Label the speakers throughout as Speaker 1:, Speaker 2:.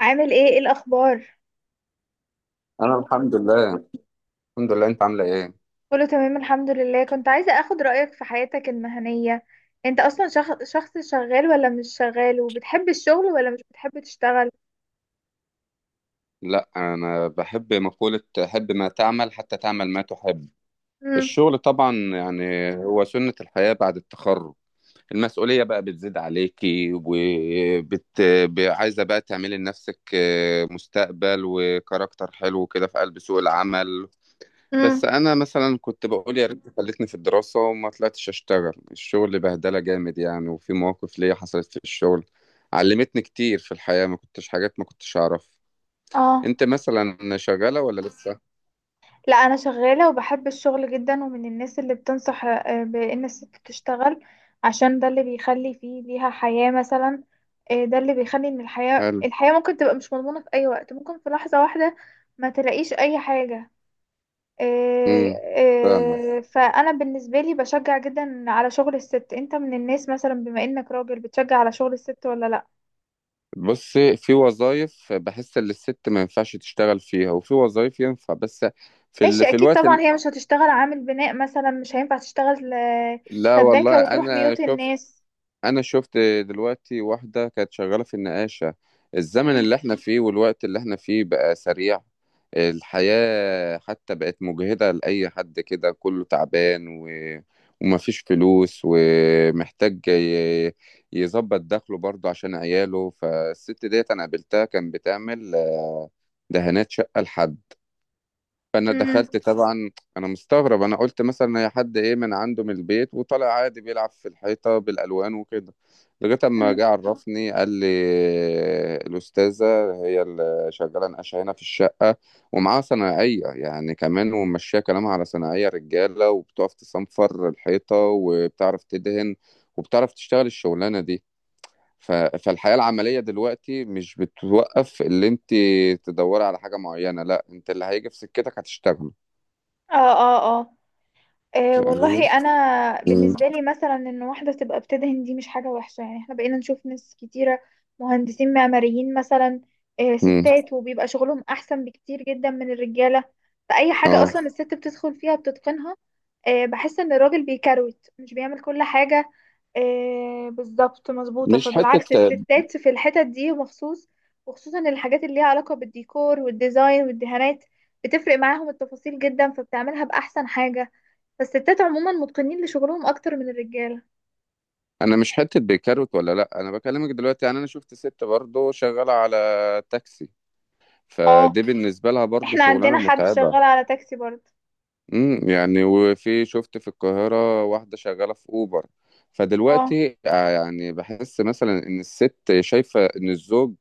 Speaker 1: عامل ايه الاخبار؟
Speaker 2: انا الحمد لله. الحمد لله، انت عامله ايه؟
Speaker 1: كله تمام، الحمد لله. كنت عايزة اخد رأيك في حياتك المهنية. انت اصلا شخص شغال ولا مش شغال، وبتحب الشغل ولا مش بتحب تشتغل؟
Speaker 2: لا انا بحب مقولة حب ما تعمل حتى تعمل ما تحب.
Speaker 1: امم.
Speaker 2: الشغل طبعا يعني هو سنة الحياة بعد التخرج. المسؤولية بقى بتزيد عليكي عايزة بقى تعملي لنفسك مستقبل وكاركتر حلو كده في قلب سوق العمل. بس
Speaker 1: امم.
Speaker 2: انا مثلا كنت بقول يا ريت خلتني في الدراسه وما طلعتش اشتغل. الشغل بهدله جامد يعني، وفي مواقف ليا حصلت في الشغل علمتني كتير في الحياه، ما كنتش حاجات ما كنتش اعرف.
Speaker 1: اه.
Speaker 2: انت مثلا شغاله ولا لسه؟
Speaker 1: لا، انا شغالة وبحب الشغل جدا، ومن الناس اللي بتنصح بان الست تشتغل. عشان ده اللي بيخلي فيه ليها حياة مثلا. ده اللي بيخلي ان الحياة
Speaker 2: هل.
Speaker 1: الحياة ممكن تبقى مش مضمونة في اي وقت، ممكن في لحظة واحدة ما تلاقيش اي حاجة. إيه
Speaker 2: امم. فاهمة.
Speaker 1: إيه فانا بالنسبه لي بشجع جدا على شغل الست. انت من الناس مثلا، بما انك راجل، بتشجع على شغل الست ولا لا؟
Speaker 2: بص، في وظايف بحس ان الست ما ينفعش تشتغل فيها وفي وظايف ينفع بس. في ال...
Speaker 1: ماشي،
Speaker 2: في
Speaker 1: اكيد
Speaker 2: الوقت
Speaker 1: طبعا
Speaker 2: ال...
Speaker 1: هي مش هتشتغل عامل بناء مثلا، مش هينفع تشتغل
Speaker 2: لا
Speaker 1: سباكه
Speaker 2: والله
Speaker 1: وتروح
Speaker 2: انا
Speaker 1: بيوت
Speaker 2: شفت.
Speaker 1: الناس.
Speaker 2: انا شفت دلوقتي واحدة كانت شغالة في النقاشة. الزمن
Speaker 1: مم.
Speaker 2: اللي احنا فيه والوقت اللي احنا فيه بقى سريع. الحياة حتى بقت مجهدة لأي حد كده، كله تعبان ومفيش فلوس، ومحتاج يظبط دخله برضه عشان عياله. فالست ديت انا قابلتها كان بتعمل دهانات شقة لحد. فانا
Speaker 1: مم.
Speaker 2: دخلت طبعا، انا مستغرب، انا قلت مثلا هي حد ايه من عنده من البيت وطلع عادي بيلعب في الحيطه بالالوان وكده، لغايه اما
Speaker 1: مم.
Speaker 2: جه عرفني قال لي الاستاذه هي اللي شغاله نقاشه هنا في الشقه، ومعاها صنايعيه يعني كمان، وماشيه كلامها على صنايعيه رجاله، وبتقف تصنفر الحيطه، وبتعرف تدهن، وبتعرف تشتغل الشغلانه دي. فالحياة العملية دلوقتي مش بتوقف. اللي انت تدوري على حاجة معينة، لا، انت اللي هيجي في سكتك هتشتغل.
Speaker 1: اه. اه. اه. أه
Speaker 2: فاهماني؟
Speaker 1: والله، انا
Speaker 2: امم.
Speaker 1: بالنسبه لي مثلا ان واحده تبقى بتدهن دي مش حاجه وحشه، يعني احنا بقينا نشوف ناس كتيره، مهندسين معماريين مثلا. أه،
Speaker 2: امم.
Speaker 1: ستات، وبيبقى شغلهم احسن بكتير جدا من الرجاله. فاي حاجه
Speaker 2: اه.
Speaker 1: اصلا الست بتدخل فيها بتتقنها. أه، بحس ان الراجل بيكروت مش بيعمل كل حاجه. أه، بالظبط مظبوطه.
Speaker 2: مش حته.
Speaker 1: فبالعكس الستات في الحتت دي مخصوص، وخصوصا الحاجات اللي ليها علاقه بالديكور والديزاين والدهانات، بتفرق معاهم التفاصيل جدا، فبتعملها بأحسن حاجة. فالستات عموما متقنين لشغلهم اكتر من الرجاله.
Speaker 2: انا مش حته بكروت ولا لا، انا بكلمك دلوقتي. يعني انا شفت ست برضه شغاله على تاكسي،
Speaker 1: اه،
Speaker 2: فدي بالنسبه لها برضه
Speaker 1: احنا
Speaker 2: شغلانه
Speaker 1: عندنا حد
Speaker 2: متعبه.
Speaker 1: شغال على تاكسي برضه.
Speaker 2: امم. يعني وفي شفت في القاهره واحده شغاله في اوبر.
Speaker 1: اه.
Speaker 2: فدلوقتي يعني بحس مثلا ان الست شايفه ان الزوج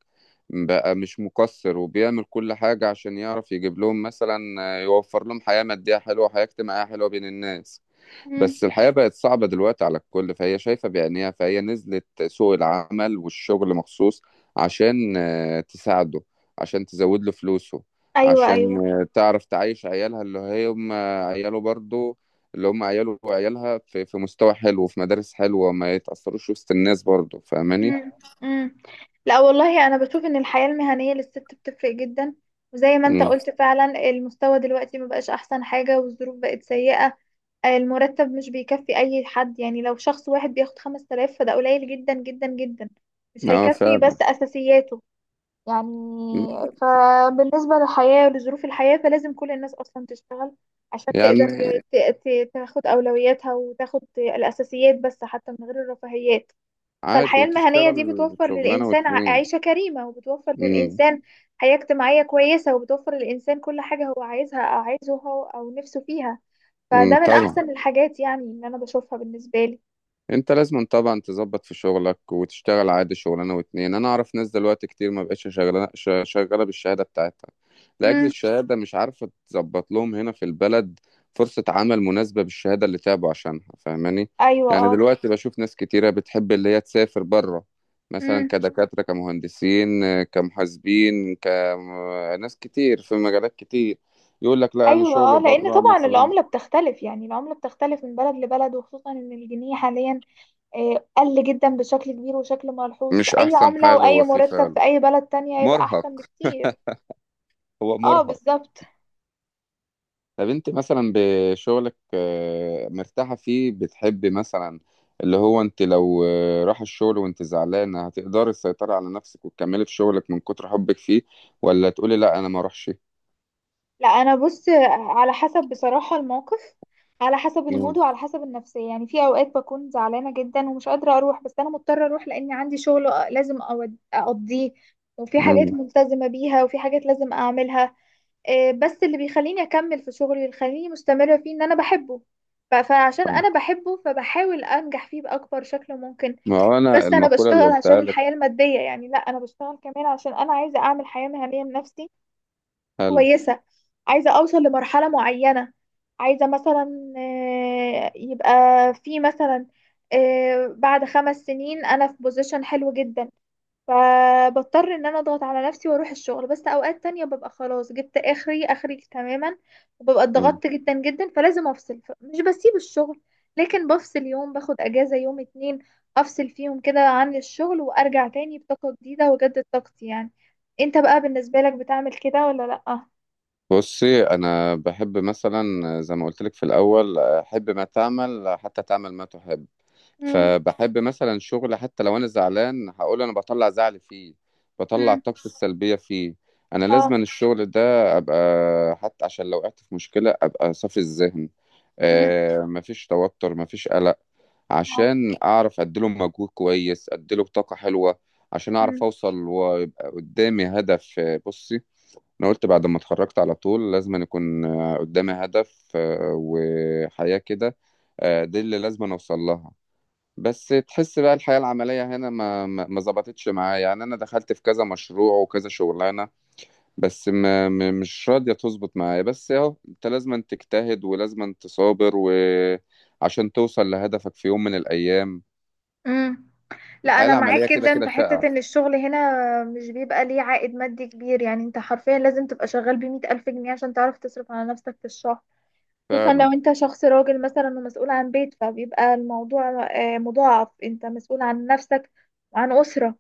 Speaker 2: بقى مش مقصر، وبيعمل كل حاجه عشان يعرف يجيب لهم مثلا، يوفر لهم حياه ماديه حلوه، حياه اجتماعيه حلوه بين الناس.
Speaker 1: امم.
Speaker 2: بس الحياة بقت صعبة دلوقتي على الكل، فهي شايفة بعينيها، فهي نزلت سوق العمل والشغل مخصوص عشان تساعده، عشان تزود له فلوسه،
Speaker 1: ايوه.
Speaker 2: عشان
Speaker 1: ايوه.
Speaker 2: تعرف تعيش عيالها اللي هم عياله برضو، اللي هم عياله وعيالها في مستوى حلو وفي مدارس حلوة، ما يتأثروش وسط الناس برضو. فاهماني؟
Speaker 1: امم. امم. لا والله، انا بشوف ان الحياه المهنيه للست بتفرق جدا، وزي ما انت
Speaker 2: مم.
Speaker 1: قلت فعلا، المستوى دلوقتي مبقاش احسن حاجه والظروف بقت سيئه. المرتب مش بيكفي اي حد، يعني لو شخص واحد بياخد 5000 فده قليل جدا جدا جدا، مش
Speaker 2: اه
Speaker 1: هيكفي
Speaker 2: فعلا.
Speaker 1: بس اساسياته. يعني
Speaker 2: مم.
Speaker 1: فبالنسبة للحياة ولظروف الحياة، فلازم كل الناس أصلا تشتغل عشان تقدر
Speaker 2: يعني
Speaker 1: ت- تاخد أولوياتها وتاخد الأساسيات، بس حتى من غير الرفاهيات.
Speaker 2: عادي
Speaker 1: فالحياة المهنية
Speaker 2: وتشتغل
Speaker 1: دي بتوفر
Speaker 2: شغلانة
Speaker 1: للإنسان
Speaker 2: واتنين.
Speaker 1: عيشة كريمة، وبتوفر
Speaker 2: مم.
Speaker 1: للإنسان حياة اجتماعية كويسة، وبتوفر للإنسان كل حاجة هو عايزها أو عايزه هو أو نفسه فيها.
Speaker 2: مم.
Speaker 1: فده من
Speaker 2: طبعا.
Speaker 1: أحسن الحاجات يعني، اللي أنا بشوفها بالنسبة لي.
Speaker 2: انت لازم طبعا تظبط في شغلك وتشتغل عادي شغلانه واتنين. انا اعرف ناس دلوقتي كتير ما بقتش شغاله شغاله بالشهاده بتاعتها، لاجل
Speaker 1: امم.
Speaker 2: الشهاده مش عارفه تظبط لهم هنا في البلد فرصه عمل مناسبه بالشهاده اللي تعبوا عشانها. فاهماني؟ يعني
Speaker 1: أيوة.
Speaker 2: دلوقتي بشوف ناس كتيره بتحب اللي هي تسافر بره،
Speaker 1: اه.
Speaker 2: مثلا كدكاتره، كمهندسين، كمحاسبين، كناس كتير في مجالات كتير، يقول لك لا انا
Speaker 1: ايوه. اه،
Speaker 2: شغل
Speaker 1: لان
Speaker 2: بره
Speaker 1: طبعا
Speaker 2: مثلا.
Speaker 1: العمله بتختلف، يعني العمله بتختلف من بلد لبلد، وخصوصا ان الجنيه حاليا قل جدا بشكل كبير وشكل ملحوظ، في
Speaker 2: مش
Speaker 1: اي
Speaker 2: احسن
Speaker 1: عمله
Speaker 2: حال
Speaker 1: واي
Speaker 2: هو فيه
Speaker 1: مرتب
Speaker 2: فعلا.
Speaker 1: في اي بلد تانية هيبقى احسن
Speaker 2: مرهق.
Speaker 1: بكتير.
Speaker 2: هو
Speaker 1: اه،
Speaker 2: مرهق.
Speaker 1: بالظبط.
Speaker 2: طب انت مثلا بشغلك مرتاحة فيه؟ بتحبي مثلا اللي هو انت لو راح الشغل وانت زعلانة، هتقدري تسيطري على نفسك وتكملي في شغلك من كتر حبك فيه؟ ولا تقولي لا انا ما اروحش؟
Speaker 1: لا، انا بص، على حسب بصراحة الموقف، على حسب المود
Speaker 2: مم.
Speaker 1: وعلى حسب النفسية. يعني في اوقات بكون زعلانة جدا ومش قادرة اروح، بس انا مضطرة اروح لاني عندي شغل لازم اقضيه، وفي حاجات
Speaker 2: مم.
Speaker 1: ملتزمة بيها، وفي حاجات لازم اعملها. بس اللي بيخليني اكمل في شغلي، اللي بيخليني مستمرة فيه، ان انا بحبه. فعشان انا بحبه، فبحاول انجح فيه باكبر شكل ممكن.
Speaker 2: ما هو انا
Speaker 1: بس انا
Speaker 2: المقولة اللي
Speaker 1: بشتغل عشان
Speaker 2: قلتها لك.
Speaker 1: الحياة المادية يعني، لا، انا بشتغل كمان عشان انا عايزة اعمل حياة مهنية لنفسي
Speaker 2: حلو.
Speaker 1: كويسة. عايزة أوصل لمرحلة معينة، عايزة مثلا يبقى في مثلا بعد 5 سنين أنا في بوزيشن حلو جدا. فبضطر إن أنا أضغط على نفسي وأروح الشغل، بس أوقات تانية ببقى خلاص جبت آخري آخري تماما، وببقى
Speaker 2: مم.
Speaker 1: اتضغطت جدا جدا، فلازم أفصل. مش بسيب الشغل، لكن بفصل يوم، باخد أجازة يوم اتنين، أفصل فيهم كده عن الشغل وأرجع تاني بطاقة جديدة، وأجدد طاقتي يعني. انت بقى بالنسبة لك بتعمل كده ولا لأ؟
Speaker 2: بصي، انا بحب مثلا زي ما قلت لك في الاول، حب ما تعمل حتى تعمل ما تحب.
Speaker 1: مم.
Speaker 2: فبحب مثلا شغل حتى لو انا زعلان، هقول انا بطلع زعلي فيه، بطلع
Speaker 1: مم.
Speaker 2: طاقتي السلبيه فيه. انا
Speaker 1: اه.
Speaker 2: لازم الشغل ده ابقى حتى عشان لو وقعت في مشكله ابقى صافي الذهن.
Speaker 1: مم.
Speaker 2: آه، مفيش توتر، مفيش قلق،
Speaker 1: اه.
Speaker 2: عشان اعرف اديله مجهود كويس، اديله طاقه حلوه، عشان
Speaker 1: مم.
Speaker 2: اعرف اوصل، ويبقى قدامي هدف. بصي، انا قلت بعد ما اتخرجت على طول لازم أن يكون قدامي هدف، وحياه كده، دي اللي لازم أن اوصل لها. بس تحس بقى الحياة العملية هنا ما ظبطتش معايا. يعني أنا دخلت في كذا مشروع وكذا شغلانة، بس مش راضية تظبط معايا. بس أهو أنت لازم تجتهد ولازم تصابر وعشان توصل لهدفك في يوم من الأيام.
Speaker 1: مم. لا،
Speaker 2: الحياة
Speaker 1: انا
Speaker 2: العملية
Speaker 1: معاك
Speaker 2: كده
Speaker 1: جدا
Speaker 2: كده
Speaker 1: في
Speaker 2: شقة.
Speaker 1: حتة ان الشغل هنا مش بيبقى ليه عائد مادي كبير، يعني انت حرفيا لازم تبقى شغال بمئة الف جنيه عشان تعرف تصرف على نفسك في الشهر، خصوصا
Speaker 2: فعلا.
Speaker 1: لو انت شخص راجل مثلا ومسؤول عن بيت، فبيبقى الموضوع مضاعف، انت مسؤول عن نفسك وعن أسرة.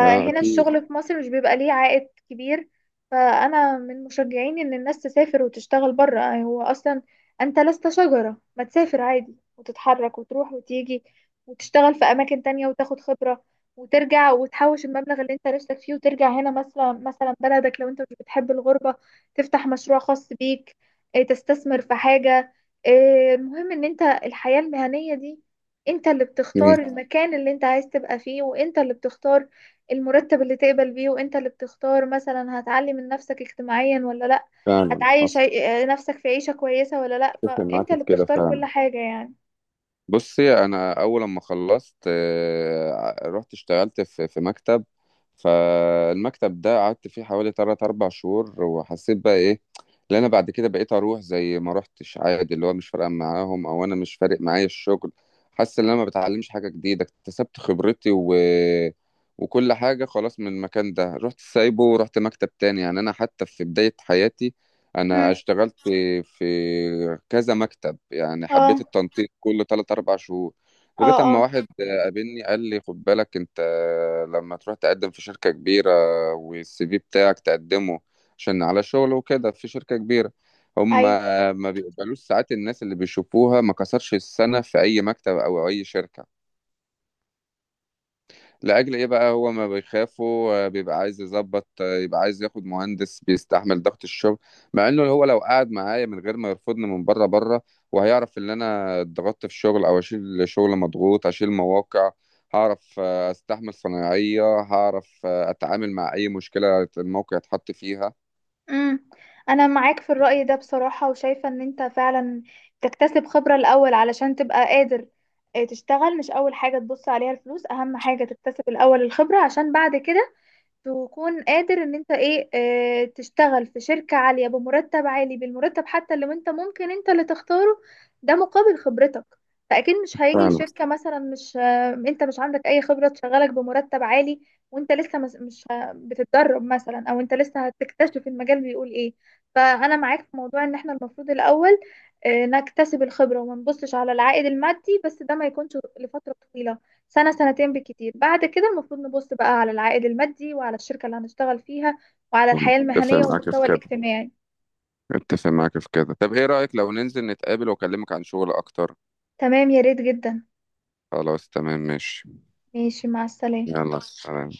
Speaker 2: أكيد.
Speaker 1: الشغل في مصر مش بيبقى ليه عائد كبير. فأنا من مشجعين إن الناس تسافر وتشتغل برا، يعني هو أصلا أنت لست شجرة، ما تسافر عادي وتتحرك وتروح وتيجي وتشتغل في أماكن تانية وتاخد خبرة، وترجع وتحوش المبلغ اللي انت نفسك فيه، وترجع هنا مثلا، بلدك، لو انت مش بتحب الغربة، تفتح مشروع خاص بيك، تستثمر في حاجة. المهم ان انت الحياة المهنية دي انت اللي
Speaker 2: مم.
Speaker 1: بتختار المكان اللي انت عايز تبقى فيه، وانت اللي بتختار المرتب اللي تقبل بيه، وانت اللي بتختار مثلا هتعلي من نفسك اجتماعيا ولا لا،
Speaker 2: فعلا
Speaker 1: هتعيش
Speaker 2: حصل.
Speaker 1: نفسك في عيشة كويسة ولا لا.
Speaker 2: أتفق معاك
Speaker 1: فانت اللي
Speaker 2: في كده
Speaker 1: بتختار كل
Speaker 2: فعلا.
Speaker 1: حاجة يعني.
Speaker 2: بصي، انا اول لما خلصت رحت اشتغلت في مكتب. فالمكتب ده قعدت فيه حوالي 3 4 شهور، وحسيت بقى ايه اللي انا بعد كده بقيت اروح زي ما روحتش عادي، اللي هو مش فارقه معاهم او انا مش فارق معايا الشغل، حاسس ان انا ما بتعلمش حاجه جديده، اكتسبت خبرتي وكل حاجه، خلاص من المكان ده رحت سايبه ورحت مكتب تاني. يعني انا حتى في بدايه حياتي انا
Speaker 1: مم.
Speaker 2: اشتغلت في كذا مكتب، يعني حبيت
Speaker 1: اه.
Speaker 2: التنطيط كل 3 4 شهور، لغايه
Speaker 1: اه.
Speaker 2: اما
Speaker 1: اه.
Speaker 2: واحد قابلني قال لي خد بالك انت لما تروح تقدم في شركه كبيره والسي في بتاعك تقدمه عشان على شغل وكده في شركه كبيره، هم
Speaker 1: ايوه.
Speaker 2: ما بيقبلوش ساعات الناس اللي بيشوفوها ما كسرش السنه في اي مكتب او اي شركه. لأجل إيه بقى؟ هو ما بيخافوا، بيبقى عايز يظبط، يبقى عايز ياخد مهندس بيستحمل ضغط الشغل. مع إنه هو لو قعد معايا من غير ما يرفضني من بره بره، وهيعرف إن أنا اتضغطت في الشغل أو أشيل شغل مضغوط، أشيل مواقع، هعرف أستحمل صنايعية، هعرف أتعامل مع أي مشكلة الموقع اتحط فيها.
Speaker 1: مم. انا معاك في الرأي ده بصراحة، وشايفة ان انت فعلا تكتسب خبرة الاول علشان تبقى قادر تشتغل. مش اول حاجة تبص عليها الفلوس، اهم حاجة تكتسب الاول الخبرة، عشان بعد كده تكون قادر ان انت ايه اه تشتغل في شركة عالية بمرتب عالي، بالمرتب حتى لو انت ممكن انت اللي تختاره، ده مقابل خبرتك. فاكيد مش هيجي
Speaker 2: فعلا.
Speaker 1: شركة مثلا، مش انت مش عندك اي خبرة تشغلك بمرتب عالي وانت لسه مس- مش ه- بتتدرب مثلا، او انت لسه هتكتشف المجال بيقول ايه. فانا معاك في موضوع ان احنا المفروض الاول اه نكتسب الخبرة، وما نبصش على العائد المادي، بس ده ما يكونش لفترة طويلة، سنة سنتين بالكتير. بعد كده المفروض نبص بقى على العائد المادي، وعلى الشركة اللي هنشتغل فيها، وعلى الحياة
Speaker 2: اتفق
Speaker 1: المهنية
Speaker 2: معاك في
Speaker 1: والمستوى
Speaker 2: كده.
Speaker 1: الاجتماعي.
Speaker 2: اتفق معاك في كده. طب ايه رأيك لو ننزل نتقابل واكلمك عن شغل اكتر؟
Speaker 1: تمام، يا ريت جدا.
Speaker 2: خلاص تمام، ماشي.
Speaker 1: ماشي، مع السلامة.
Speaker 2: يلا سلام.